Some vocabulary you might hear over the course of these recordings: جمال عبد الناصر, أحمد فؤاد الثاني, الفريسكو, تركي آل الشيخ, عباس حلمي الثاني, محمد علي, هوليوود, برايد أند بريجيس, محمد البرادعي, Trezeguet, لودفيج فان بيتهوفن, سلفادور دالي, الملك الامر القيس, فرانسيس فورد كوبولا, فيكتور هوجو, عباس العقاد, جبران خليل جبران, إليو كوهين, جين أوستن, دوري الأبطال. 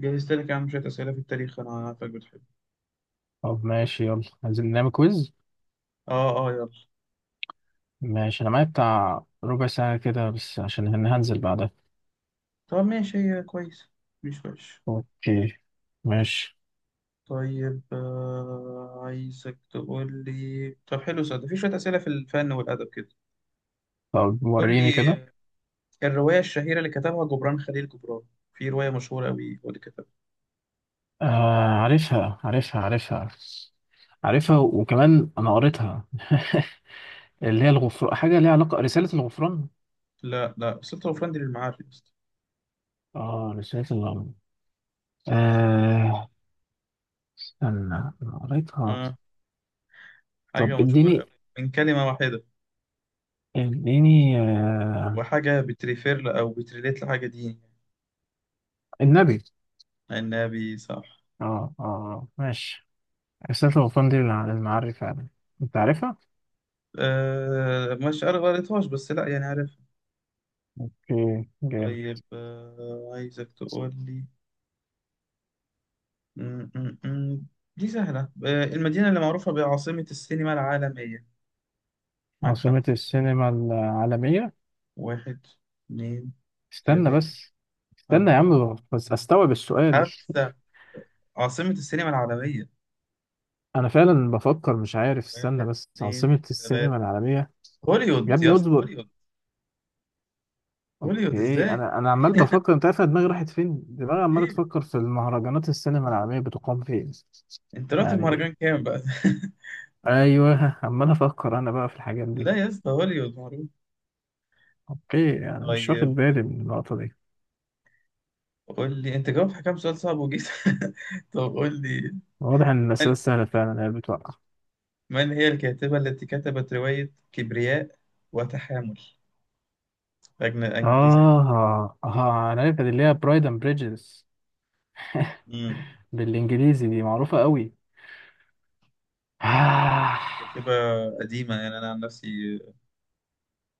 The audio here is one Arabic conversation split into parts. جهزت لك يا عم شوية أسئلة في التاريخ، أنا عارفك بتحب. طب ماشي يلا عايزين نعمل كويز. آه آه، يلا. ماشي انا معايا بتاع ربع ساعة كده بس عشان هنزل بعدها. طب ماشي، هي كويس، مش وحش. اوكي ماشي. طيب آه، عايزك تقول لي. طب حلو صدق، في شوية أسئلة في الفن والأدب كده. طب قول وريني لي كده. الرواية الشهيرة اللي كتبها جبران خليل جبران، في رواية مشهورة أوي هو اللي كتبها. آه عارفها عارفها وكمان انا قريتها اللي هي الغفران، حاجة ليها علاقة، رسالة الغفران. لا لا، سلطة وفندي للمعارف يا اسطى. اه رسالة الغفران. آه استنى انا قريتها. آه، حاجة طب مشهورة أوي اديني من كلمة واحدة، اديني آه وحاجة أو بتريليت لحاجة دي. النبي. النبي، صح. اه اه آه، ماشي. رسالة الغفران دي للمعري فعلا. انت عارفها؟ آه، مش قريتهاش بس لا، يعني عارف. اوكي جامد. طيب آه، عايزك تقول لي. م- م- م. دي سهلة. آه، المدينة اللي معروفة بعاصمة السينما العالمية. معاك عاصمة خمس ثواني. السينما العالمية. واحد، اتنين، استنى تلاتة، بس. استنى يا أربعة، عم بس استوعب السؤال. خمسة. عاصمة السينما العالمية. انا فعلا بفكر مش عارف، استنى واحد، بس. اتنين، عاصمة تلاتة. السينما العالمية. يا هوليوود ابني يا اسطى، اصبر. هوليوود. هوليوود اوكي. ازاي؟ انا عمال بفكر، انت عارف أنا دماغي راحت فين؟ دماغي عمالة ايه؟ تفكر في المهرجانات السينما العالمية بتقام فين. انت رحت يعني المهرجان كام بقى؟ ايوه عمال افكر انا بقى في الحاجات دي. لا يا اسطى، هوليوود معروف. اوكي يعني مش واخد طيب بالي من النقطة دي. قول لي، انت جاوبت على كام سؤال صعب وجيت؟ طب قول لي، واضح ان الاسئلة سهلة فعلا هي اللي بتوقع. من هي الكاتبة التي كتبت رواية كبرياء وتحامل؟ أنجليزية. آه آه أنا عارف، اللي هي برايد أند بريجيس مم. بالإنجليزي دي معروفة قوي. آه كاتبة قديمة، يعني أنا عن نفسي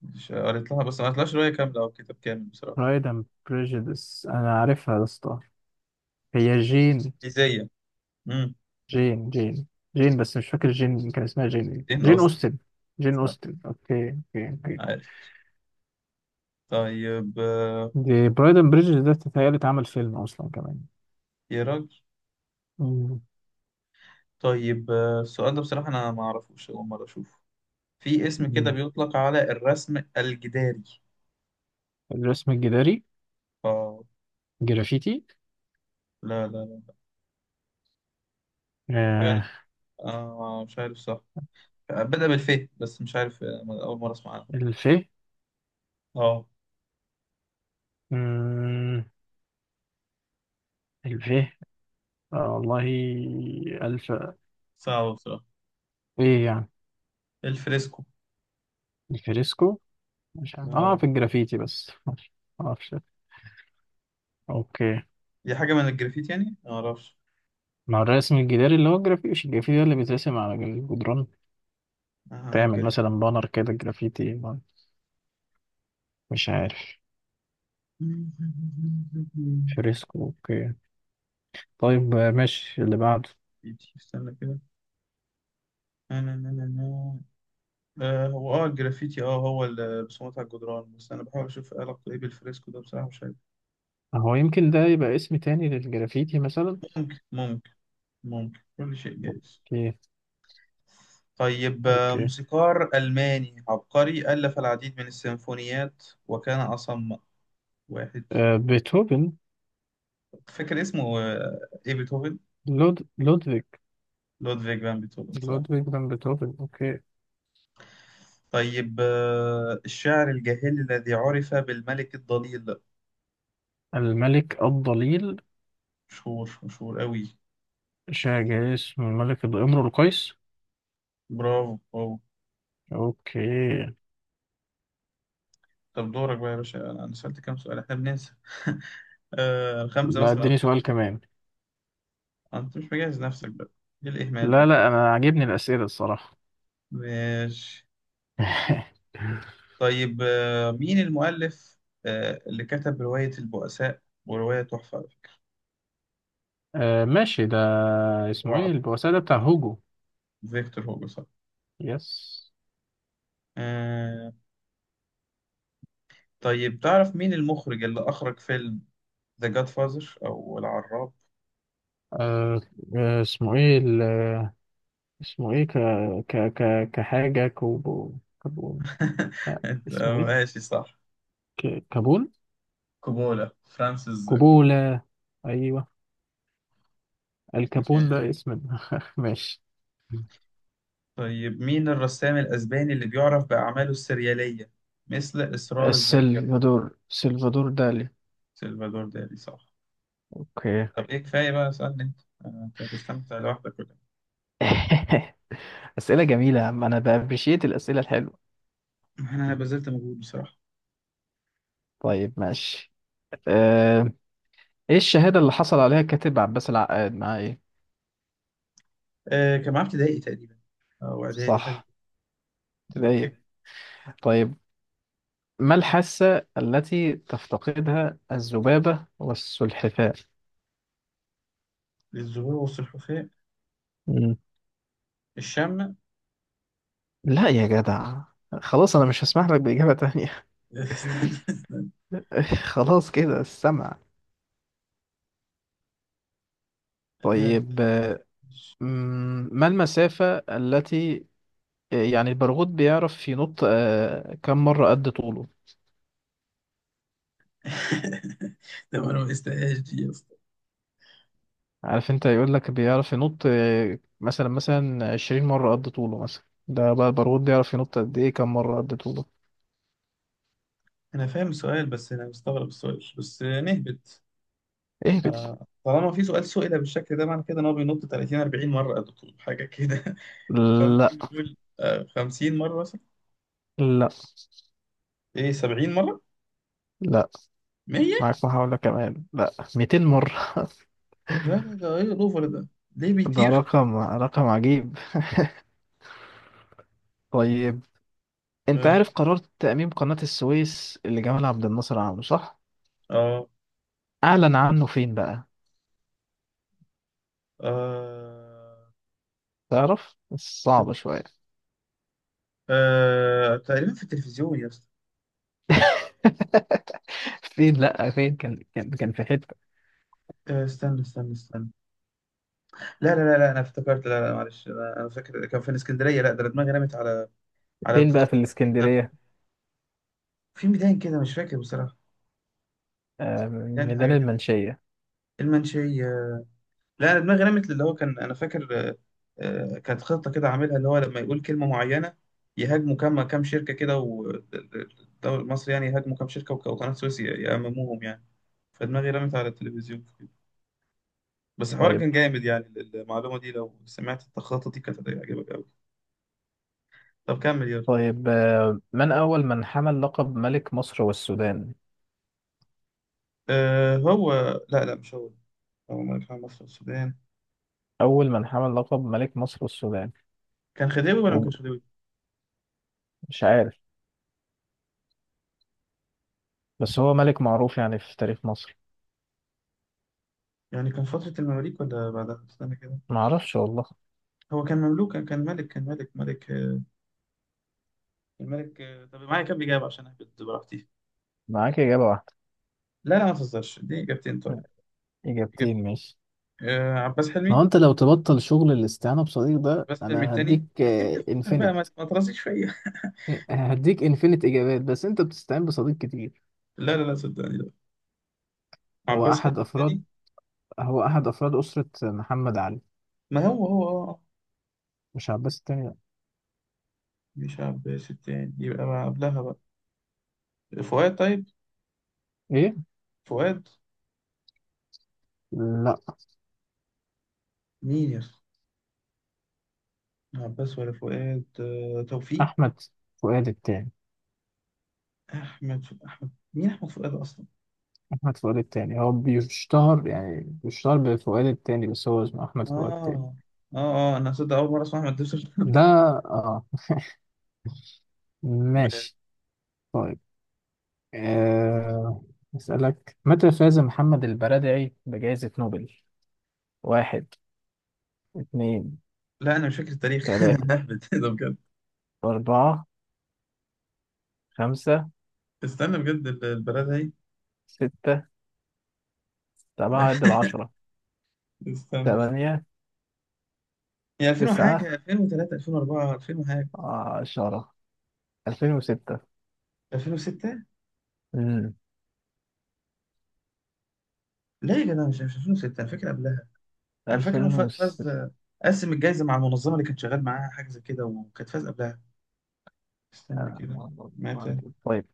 مش قريت لها، بس ما قريتلهاش رواية كاملة أو كتاب كامل بصراحة. برايد أند بريجيس أنا عارفها يا اسطى. هي جين. إنجليزية. مم. جين جين جين بس مش فاكر جين كان اسمها جين إيه. إن جين قصدي. أوستن. جين صح، أوستن أوكي أوكي أوكي. عارف. طيب آه، دي برايد أند بريجيس ده تتهيألي اتعمل فيلم أصلا كمان. يا راجل. مم. طيب آه، السؤال ده بصراحة أنا ما أعرفوش، أول مرة أشوفه. في اسم كده مم. بيطلق على الرسم الجداري. الرسم الجداري. آه، جرافيتي. لا لا لا، حاجة آه أنا آه، مش عارف صح، بدأ بالف، بس مش عارف. آه، أول مرة أسمع عنه. الفيه. آه، مم، الفيه. آه والله. 1000. صعب بصراحة. ايه يعني؟ الفريسكو. الفريسكو. مش عارف اه اه، في الجرافيتي بس. ماشي. معرفش. اوكي. دي حاجة من الجرافيت يعني؟ ما أعرفش. مع الرسم الجداري اللي هو الجرافيتي، مش الجرافيتي ده اللي بيترسم على الجدران. آه، تعمل جرافيت. مثلا بانر كده جرافيتي. مش عارف. فريسكو اوكي. طيب ماشي اللي بعده. استنى كده. آه، نا- نا- نا- نا. آه، هو اه الجرافيتي اه هو الرسومات على الجدران، بس أنا بحاول أشوف إيه علاقته إيه بالفريسكو ده، بصراحة مش عارف. هو يمكن ده يبقى اسم تاني للجرافيتي مثلا. ممكن، ممكن. ممكن، كل شيء جايز. اوكي طيب آه، اوكي. موسيقار ألماني عبقري ألف العديد من السيمفونيات وكان أصم. واحد. آه بيتهوفن. فاكر اسمه آه، إيه، بيتهوفن؟ لودفيج. لودفيج فان بيتهوفن، صح. لودفيج فان بيتهوفن اوكي. طيب آه، الشاعر الجاهلي الذي عرف بالملك الضليل. الملك الضليل. مشهور، مشهور قوي. شاع جاي اسمه الملك الامر القيس. برافو، برافو. اوكي. طب دورك بقى يا باشا، انا سألت كام سؤال، احنا بننسى. آه، خمسة لا مثلا او اديني ستة. سؤال كمان. انت مش مجهز نفسك بقى، ايه الاهمال لا ده؟ لا انا عاجبني الاسئله الصراحه ماشي. طيب آه، مين المؤلف آه اللي كتب رواية البؤساء ورواية تحفة على فكرة؟ آه ماشي ده. هو اسمه ايه عب- البؤساء ده؟ بتاع عبقري. هوجو. فيكتور هوجو، صح. يس. آه. طيب تعرف مين المخرج اللي اخرج فيلم ذا جاد فازر او العراب؟ آه آه، اسمه ايه اسمه ايه ك ك ك كحاجه كوبو. كابون. لا أنت- اسمه ايه؟ ماشي صح. ك... كابون. كوبولا، فرانسيس كوبولا. ايوه. الكابون كوبولا. ده اسم ماشي. طيب مين الرسام الأسباني اللي بيعرف بأعماله السريالية مثل إصرار الذاكرة؟ السلفادور. سلفادور دالي. سلفادور دالي، صح. اوكي طب إيه، كفاية بقى، اسألني أنت. آه، أنت هتستمتع لوحدك ولا اسئله جميله يا عم، انا بابريشيت الاسئله الحلوه. إيه؟ أنا بذلت مجهود بصراحة. طيب ماشي. ايه الشهادة اللي حصل عليها الكاتب عباس العقاد مع ايه؟ آه كان معاه ابتدائي تقريبا، أو إعدادي حاجة. صح أوكي. ابتدائية. طيب. ما الحاسة التي تفتقدها الذبابة والسلحفاة؟ الزهور والسلحفاة. مم. الشم. لا يا جدع، خلاص انا مش هسمح لك بإجابة تانية استنى، استنى. خلاص كده السمع. آه، طيب ما المسافة التي، يعني البرغوث بيعرف ينط كم مرة قد طوله؟ ده ما أنا ما قستهاش دي. عارف انت يقول لك بيعرف ينط مثلا 20 مرة قد طوله مثلا، ده بقى البارود بيعرف ينط قد ايه، كم مرة قد طوله. انا فاهم السؤال، بس انا مستغرب السؤال، بس نهبط. ايه آه، طالما في سؤال سئل بالشكل ده، معنى كده ان هو بينط 30 40 مره يا دكتور، حاجه كده. فممكن لا نقول آه، 50 مره مثلا. لا ايه، 70 مره. لا. 100. معاك محاولة كمان. لا 200 مرة. ده ايه الاوفر ده؟ ليه ده بيطير؟ رقم عجيب. طيب. انت اه. عارف قرار تأميم قناة السويس اللي جمال عبد الناصر عامله صح؟ اه أعلن عنه فين بقى؟ آه، تعرف؟ صعبة شوية آه، تقريبا في التلفزيون يا اسطى. فين، لا فين، كان في حتة. آه، استنى، استنى، استنى. لا لا لا لا، انا افتكرت، لا لا، معلش انا، أنا فاكر كان في الاسكندريه، لا ده أنا دماغي رمت على فين بقى في التخطيط نفسه. الإسكندرية؟ في ميدان كده مش فاكر بصراحه، آه، يعني ميدان حاجه كده. المنشية. المنشيه. لا، دماغي رمت اللي هو كان انا فاكر آه، كانت خطه كده عاملها، اللي هو لما يقول كلمه معينه يهاجموا كام شركه كده، والدوري المصري يعني يهاجموا كام شركه، وقناه سويس يأمموهم يعني. فدماغي رمت على التلفزيون في كده. بس الحوار طيب. كان جامد يعني، المعلومه دي لو سمعت التخطيط دي كانت هتعجبك قوي. طب كمل يلا. طيب من أول من حمل لقب ملك مصر والسودان؟ أه هو. لا لا، مش هو. اللهم ارحم مصر والسودان. أول من حمل لقب ملك مصر والسودان. كان خديوي ولا ما وب- كانش خديوي؟ مش عارف، بس هو ملك معروف يعني في تاريخ مصر. يعني كان فترة المماليك ولا بعدها؟ استنى كده. معرفش والله. هو كان مملوك، كان ملك، كان ملك، ملك آه، كان ملك آه، طب معايا كام إجابة عشان أهبط براحتي؟ معاك إجابة واحدة. لا لا، ما تهزرش، دي إجابتين طيب. إجابة. إجابتين ماشي. آه، عباس ما هو حلمي. انت لو تبطل شغل الاستعانة بصديق ده عباس حلمي انا التاني، هديك بس سيبني أفكر بقى، ما انفينيت. ما ترازيش فيا. هديك انفينيت اجابات، بس انت بتستعين بصديق كتير. لا لا لا، صدقني لا. هو عباس احد حلمي التاني. افراد هو احد افراد اسرة محمد علي. ما هو هو آه آه. مش عباس التاني لا. مش عباس التاني، يبقى بقى قبلها بقى. فؤاد، طيب. ايه، فؤاد. لا مين يا اسطى؟ عباس ولا فؤاد؟ آه توفيق. احمد فؤاد التاني. أحمد مين؟ أحمد فؤاد أصلا. أحمد فؤاد التاني هو بيشتهر يعني بيشتهر بفؤاد التاني، بس هو اسمه أحمد فؤاد التاني. آه، آه، آه، أنا صدق أول مرة أسمع أحمد دبسة. ده آه ماشي. طيب آه أسألك متى فاز محمد البرادعي بجائزة نوبل؟ واحد، اتنين، لا انا مش فاكر التاريخ. انا تلاتة، بهبت ده بجد. أربعة، خمسة، استنى بجد، البلد هي. ستة، سبعة، عد العشرة. استنى، استنى. تمانية، هي 2000 تسعة، وحاجه، 2003، 2004، 2000 وحاجه. عشرة. 2006. 2006. امم لا يا جدع، مش 2006، انا فاكر قبلها. انا فاكر ألفين انه وستة فاز، قسم الجائزه مع المنظمه اللي كان شغال معاها حاجه زي كده، وكانت فاز قبلها. استنى كده. متى طيب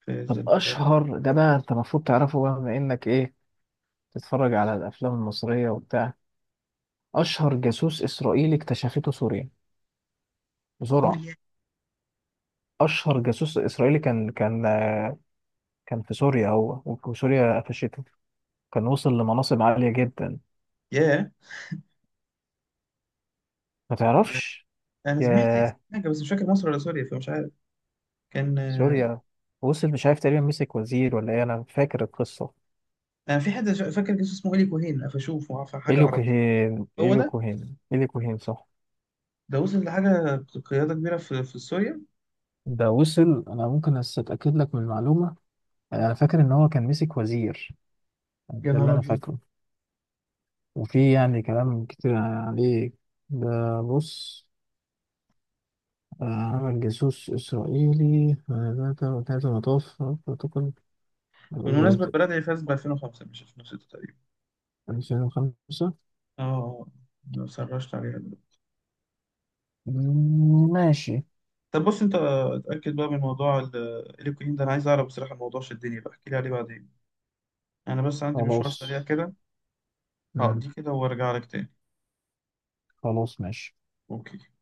فاز طب البلد؟ أشهر ده بقى أنت المفروض تعرفه، بقى بما إنك إيه تتفرج على الافلام المصريه وبتاع. اشهر جاسوس اسرائيلي اكتشفته سوريا. بسرعه. سوريا. اشهر جاسوس اسرائيلي كان في سوريا، هو وسوريا قفشته، كان وصل لمناصب عاليه جدا. ياه. ما تعرفش؟ انا سمعت اسم يا حاجه بس مش فاكر مصر ولا سوريا، فمش عارف. كان آه، سوريا. وصل مش عارف، تقريبا مسك وزير ولا ايه، انا فاكر القصه. انا في حد فاكر اسمه الي كوهين، فاشوفه حاجه إليو عربيه. كوهين هو إليو ده. كوهين إليو كوهين صح. ده وصل لحاجة، قيادة كبيرة في سوريا. ده وصل. انا ممكن اتاكد لك من المعلومه. انا فاكر ان هو كان مسك وزير. يا ده اللي نهار انا أبيض. فاكره. وفي يعني كلام كتير عليه. ده بص عمل جاسوس إسرائيلي ثلاثة مطاف بروتوكول بالمناسبة الأول. البلد هي فاز ب 2005 مش 2006 تقريبا. 2005. اه، ما سرشت عليها دلوقتي. ماشي. طب بص، انت اتأكد بقى من موضوع الإيكوين ده، انا عايز اعرف بصراحة، الموضوع شدني بقى، احكي لي عليه بعدين. انا بس عندي مشوار سريع خلاص. كده، مم، هقضيه كده وارجع لك تاني. خلاص ماشي. اوكي.